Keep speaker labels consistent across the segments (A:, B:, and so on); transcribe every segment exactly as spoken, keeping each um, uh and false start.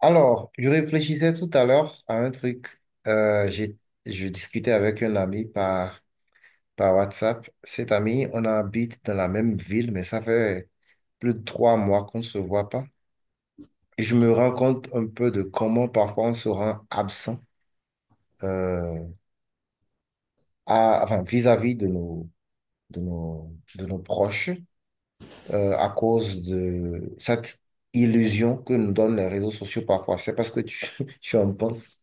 A: Alors, je réfléchissais tout à l'heure à un truc. Euh, j'ai, je discutais avec un ami par, par WhatsApp. Cet ami, on habite dans la même ville, mais ça fait plus de trois mois qu'on ne se voit pas. Et je me rends compte un peu de comment parfois on se rend absent euh, à, enfin, vis-à-vis de nos, de nos, de nos proches euh, à cause de cette illusion que nous donnent les réseaux sociaux parfois. C'est parce que tu, tu en penses.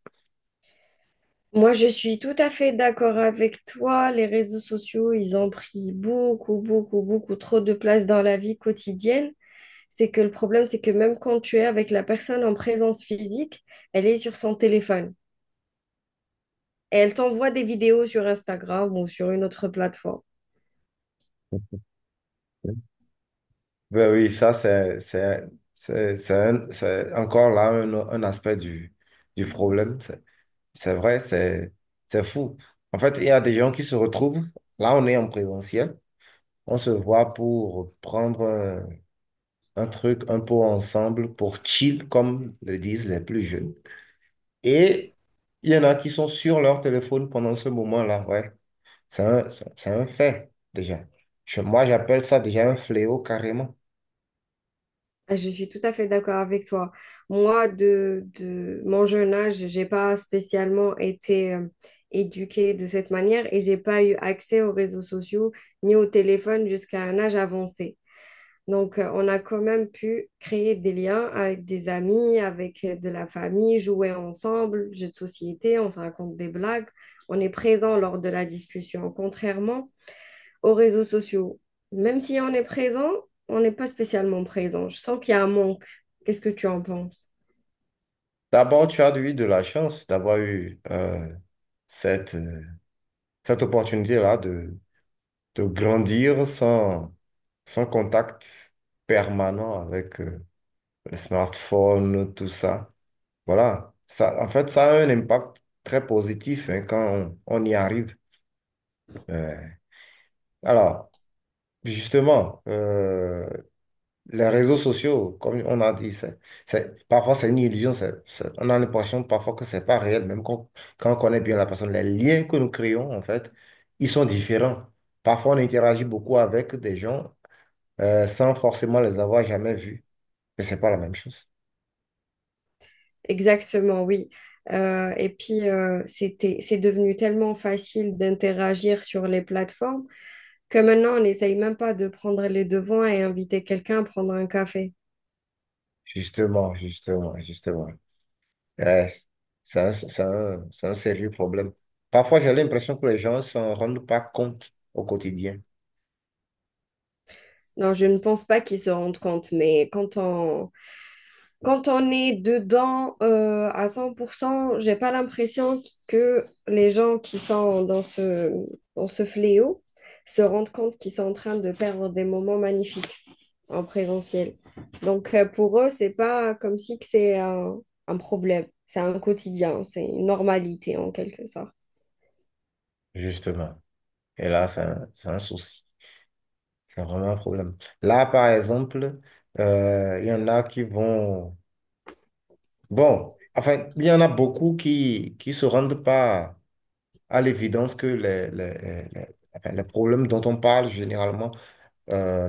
B: Moi, je suis tout à fait d'accord avec toi. Les réseaux sociaux, ils ont pris beaucoup, beaucoup, beaucoup trop de place dans la vie quotidienne. C'est que le problème, c'est que même quand tu es avec la personne en présence physique, elle est sur son téléphone et elle t'envoie des vidéos sur Instagram ou sur une autre plateforme.
A: Ben oui, ça, c'est, c'est, c'est, c'est un- c'est encore là un, un aspect du, du problème. C'est c'est vrai, c'est, c'est fou. En fait, il y a des gens qui se retrouvent, là, on est en présentiel, on se voit pour prendre un, un truc un peu ensemble, pour chill, comme le disent les plus jeunes. Et il y en a qui sont sur leur téléphone pendant ce moment-là, ouais. C'est un, c'est c'est un fait, déjà. Je- moi, j'appelle ça déjà un fléau carrément.
B: Ah, je suis tout à fait d'accord avec toi. Moi, de, de mon jeune âge, j'ai pas spécialement été euh, éduquée de cette manière et j'ai pas eu accès aux réseaux sociaux ni au téléphone jusqu'à un âge avancé. Donc, euh, on a quand même pu créer des liens avec des amis, avec euh, de la famille, jouer ensemble, jeux de société, on se raconte des blagues, on est présent lors de la discussion, contrairement aux réseaux sociaux. Même si on est présent, on n'est pas spécialement présent. Je sens qu'il y a un manque. Qu'est-ce que tu en penses?
A: D'abord, tu as eu de la chance d'avoir eu euh, cette, euh, cette opportunité-là de, de grandir sans, sans contact permanent avec euh, les smartphones, tout ça. Voilà. Ça, en fait, ça a un impact très positif hein, quand on, on y arrive. Euh, alors, justement, euh, les réseaux sociaux, comme on a dit, c'est, c'est- parfois c'est une illusion, c'est- c'est- on a l'impression parfois que c'est pas réel, même quand, quand on connaît bien la personne. Les liens que nous créons, en fait, ils sont différents. Parfois, on interagit beaucoup avec des gens euh, sans forcément les avoir jamais vus. Et c'est pas la même chose.
B: Exactement, oui. Euh, et puis, euh, c'était, c'est devenu tellement facile d'interagir sur les plateformes que maintenant, on n'essaye même pas de prendre les devants et inviter quelqu'un à prendre un café.
A: Justement, justement, justement. Ouais, c'est un, c'est un- c'est un sérieux problème. Parfois, j'ai l'impression que les gens ne s'en rendent pas compte au quotidien.
B: Non, je ne pense pas qu'ils se rendent compte, mais quand on, quand on est dedans euh, à cent pour cent, j'ai pas l'impression que les gens qui sont dans ce, dans ce fléau se rendent compte qu'ils sont en train de perdre des moments magnifiques en présentiel. Donc euh, pour eux, c'est pas comme si que c'est un, un problème, c'est un quotidien, c'est une normalité en quelque sorte.
A: Justement. Et là, c'est un c'est un souci. C'est vraiment un problème. Là, par exemple, euh, il y en a qui vont... Bon, enfin, il y en a beaucoup qui qui se rendent pas à l'évidence que les, les, les, les- enfin, les problèmes dont on parle généralement euh,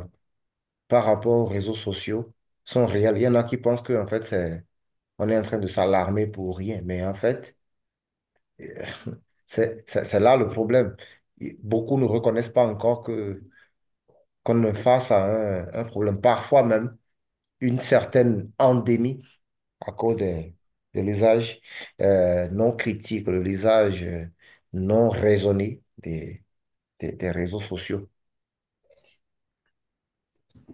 A: par rapport aux réseaux sociaux sont réels. Il y en a qui pensent que, en fait, c'est, on est en train de s'alarmer pour rien. Mais en fait, euh, c'est c'est- c'est là le problème. Beaucoup ne reconnaissent pas encore que qu'on est face à un, un problème, parfois même une certaine endémie, à cause des de l'usage euh, non critique, de l'usage euh, non raisonné des, des, des réseaux sociaux.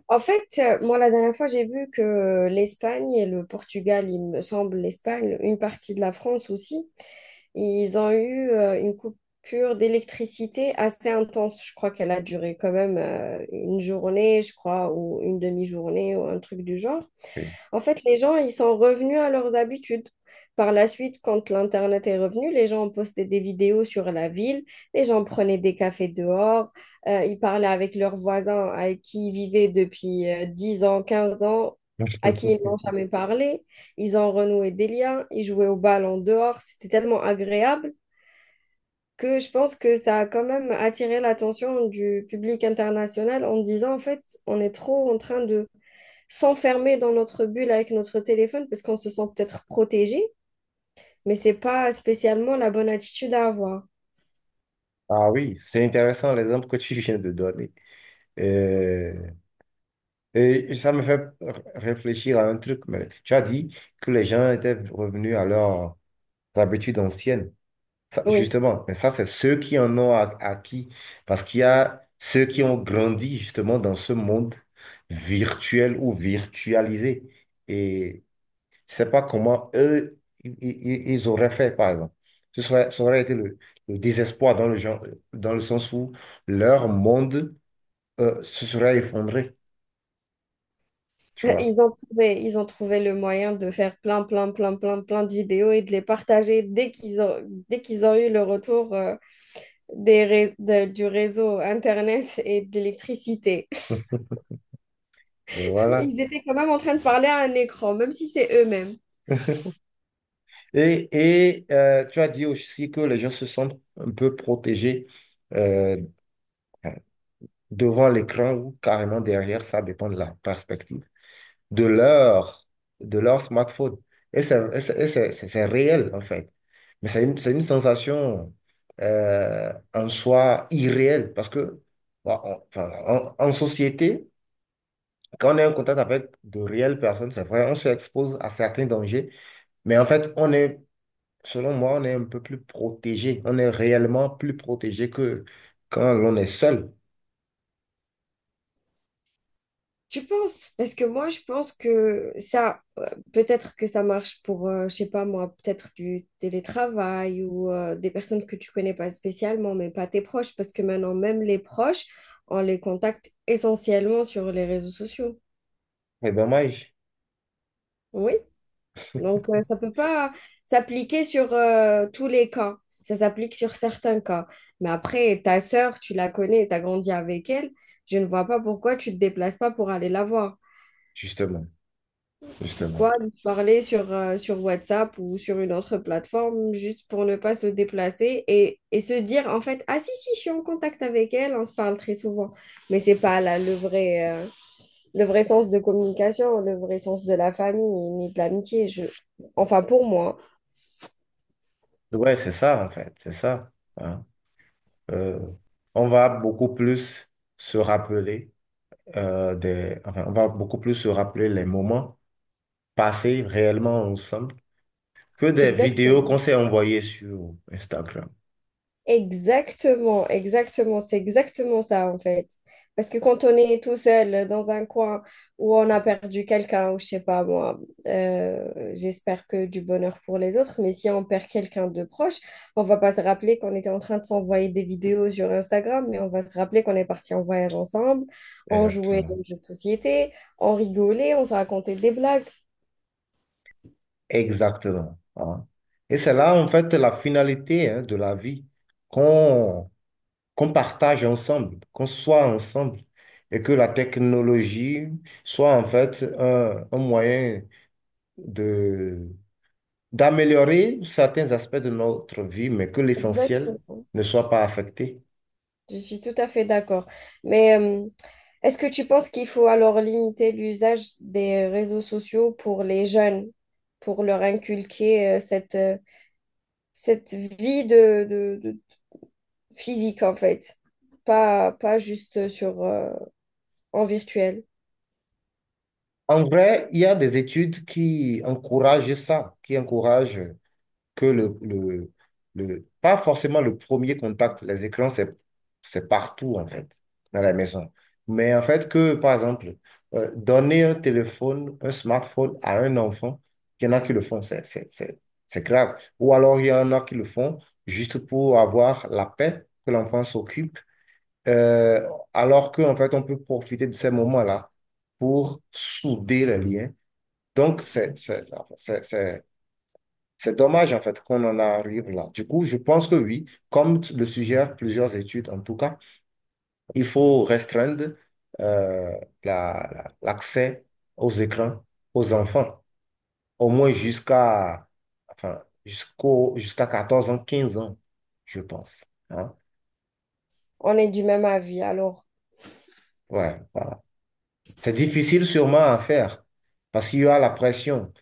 B: En fait, euh, moi, la dernière fois, j'ai vu que l'Espagne et le Portugal, il me semble, l'Espagne, une partie de la France aussi, ils ont eu euh, une coupure d'électricité assez intense. Je crois qu'elle a duré quand même euh, une journée, je crois, ou une demi-journée, ou un truc du genre.
A: Oui.
B: En fait, les gens, ils sont revenus à leurs habitudes. Par la suite, quand l'Internet est revenu, les gens ont posté des vidéos sur la ville, les gens prenaient des cafés dehors, euh, ils parlaient avec leurs voisins avec qui ils vivaient depuis euh, dix ans, quinze ans, à qui ils n'ont jamais parlé. Ils ont renoué des liens, ils jouaient au bal en dehors. C'était tellement agréable que je pense que ça a quand même attiré l'attention du public international en disant, en fait, on est trop en train de s'enfermer dans notre bulle avec notre téléphone parce qu'on se sent peut-être protégé, mais c'est pas spécialement la bonne attitude à avoir.
A: Ah oui, c'est intéressant l'exemple que tu viens de donner. Euh, et ça me fait réfléchir à un truc. Mais tu as dit que les gens étaient revenus à leurs habitudes anciennes. Ça,
B: Oui.
A: justement, mais ça, c'est ceux qui en ont a- acquis, parce qu'il y a ceux qui ont grandi justement dans ce monde virtuel ou virtualisé. Et je sais pas comment eux, i- i- ils auraient fait, par exemple. Ce serait, ça aurait été le, le désespoir dans le genre, dans le sens où leur monde euh, se serait effondré, tu vois.
B: Ils ont trouvé, ils ont trouvé le moyen de faire plein, plein, plein, plein, plein de vidéos et de les partager dès qu'ils ont, dès qu'ils ont eu le retour euh, des ré- de- du réseau Internet et de l'électricité.
A: Mais voilà.
B: Ils étaient quand même en train de parler à un écran, même si c'est eux-mêmes.
A: Et, et euh, tu as dit aussi que les gens se sentent un peu protégés, euh, devant l'écran ou carrément derrière, ça dépend de la perspective, de leur, de leur smartphone. Et c'est et c'est- et c'est- c'est- c'est réel, en fait. Mais c'est une, c'est une sensation euh, en soi irréelle parce que, bah, on- enfin, en, en société, quand on est en contact avec de réelles personnes, c'est vrai, on s'expose à certains dangers, mais en fait, on est, selon moi, on est un peu plus protégé. On est réellement plus protégé que quand l'on est seul.
B: Tu penses? Parce que moi, je pense que ça, euh, peut-être que ça marche pour, euh, je sais pas moi, peut-être du télétravail ou euh, des personnes que tu connais pas spécialement, mais pas tes proches, parce que maintenant, même les proches, on les contacte essentiellement sur les réseaux sociaux.
A: C'est dommage,
B: Oui. Donc, euh, ça peut pas s'appliquer sur euh, tous les cas. Ça s'applique sur certains cas. Mais après, ta sœur, tu la connais, tu as grandi avec elle. Je ne vois pas pourquoi tu te déplaces pas pour aller la voir.
A: justement. Justement.
B: Pourquoi nous parler sur, euh, sur WhatsApp ou sur une autre plateforme juste pour ne pas se déplacer et, et se dire en fait, ah si, si, je suis en contact avec elle, on se parle très souvent. Mais c'est pas là le vrai, euh, le vrai sens de communication, le vrai sens de la famille ni de l'amitié. Je... Enfin, pour moi,
A: Ouais, c'est ça, en fait, c'est ça, hein. Euh, on va beaucoup plus se rappeler euh, des... enfin, on va beaucoup plus se rappeler les moments passés réellement ensemble que des vidéos qu'on
B: exactement.
A: s'est envoyées sur Instagram.
B: Exactement, exactement, c'est exactement ça en fait. Parce que quand on est tout seul dans un coin où on a perdu quelqu'un, ou je sais pas moi, euh, j'espère que du bonheur pour les autres, mais si on perd quelqu'un de proche, on va pas se rappeler qu'on était en train de s'envoyer des vidéos sur Instagram, mais on va se rappeler qu'on est parti en voyage ensemble, on jouait
A: Exactement.
B: aux jeux de société, on rigolait, on se racontait des blagues.
A: Exactement, hein. Et c'est là, en fait, la finalité, hein, de la vie, qu'on qu'on partage ensemble, qu'on soit ensemble, et que la technologie soit, en fait, un, un moyen de, d'améliorer certains aspects de notre vie, mais que l'essentiel
B: Exactement.
A: ne soit pas affecté.
B: Je suis tout à fait d'accord. Mais euh, est-ce que tu penses qu'il faut alors limiter l'usage des réseaux sociaux pour les jeunes, pour leur inculquer euh, cette, euh, cette vie de, de- de- physique en fait, pas, pas juste sur, euh, en virtuel?
A: En vrai, il y a des études qui encouragent ça, qui encouragent que le, le, le- pas forcément le premier contact, les écrans, c'est, c'est partout, en fait, dans la maison. Mais en fait, que, par exemple, euh, donner un téléphone, un smartphone à un enfant, il y en a qui le font, c'est, c'est, c'est- c'est grave. Ou alors, il y en a qui le font juste pour avoir la paix que l'enfant s'occupe, euh, alors qu'en fait, on peut profiter de ces moments-là pour souder les liens. Donc, c'est, c'est, c'est, c'est- c'est dommage en fait qu'on en arrive là. Du coup, je pense que oui, comme t- le suggèrent plusieurs études en tout cas, il faut restreindre euh, la- la- l'accès aux écrans aux enfants, au moins jusqu'à enfin, jusqu'au, jusqu'à quatorze ans, quinze ans, je pense, hein.
B: On est du même avis. Alors,
A: Ouais, voilà. C'est difficile sûrement à faire parce qu'il y a la pression.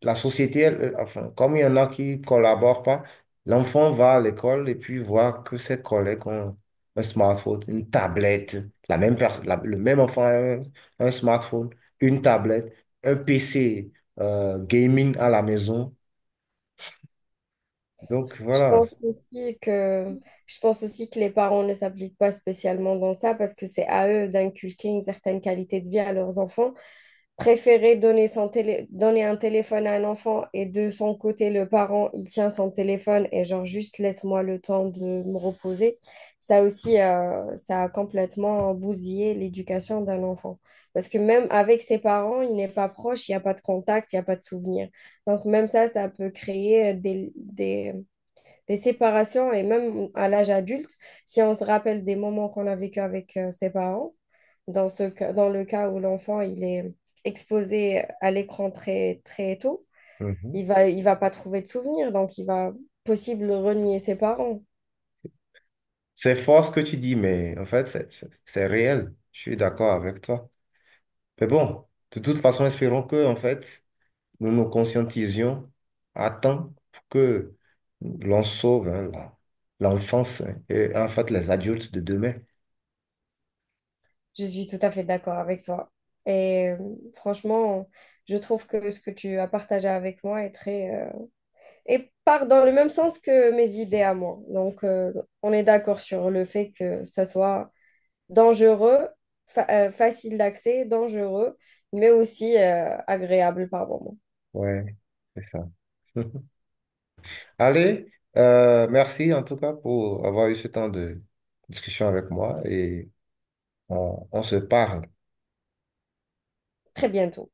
A: La société, elle, euh, enfin, comme il y en a qui ne collaborent pas, l'enfant va à l'école et puis voit que ses collègues ont un smartphone, une tablette. La même per- la- Le même enfant a un, un smartphone, une tablette, un P C euh, gaming à la maison. Donc
B: Je
A: voilà.
B: pense aussi que, je pense aussi que les parents ne s'appliquent pas spécialement dans ça parce que c'est à eux d'inculquer une certaine qualité de vie à leurs enfants. Préférer donner, son télé- donner un téléphone à un enfant et de son côté, le parent, il tient son téléphone et genre juste laisse-moi le temps de me reposer. Ça aussi, euh, ça a complètement bousillé l'éducation d'un enfant. Parce que même avec ses parents, il n'est pas proche, il n'y a pas de contact, il n'y a pas de souvenir. Donc même ça, ça peut créer des, des les séparations et même à l'âge adulte, si on se rappelle des moments qu'on a vécu avec euh, ses parents, dans ce ca- dans le cas où l'enfant il est exposé à l'écran très très tôt,
A: Mhm.
B: il va il va pas trouver de souvenirs, donc il va possible renier ses parents.
A: C'est fort ce que tu dis, mais en fait, c'est c'est- c'est réel. Je suis d'accord avec toi. Mais bon, de toute façon, espérons que, en fait, nous nous conscientisions à temps pour que l'on sauve hein, la- l'enfance hein, et en fait les adultes de demain.
B: Je suis tout à fait d'accord avec toi. Et euh, Franchement, je trouve que ce que tu as partagé avec moi est très euh, et part dans le même sens que mes idées à moi. Donc euh, on est d'accord sur le fait que ça soit dangereux, fa- euh, facile d'accès, dangereux, mais aussi euh, agréable par moment.
A: Ouais, c'est ça. Allez, euh, merci en tout cas pour avoir eu ce temps de discussion avec moi et on on se parle.
B: Très bientôt.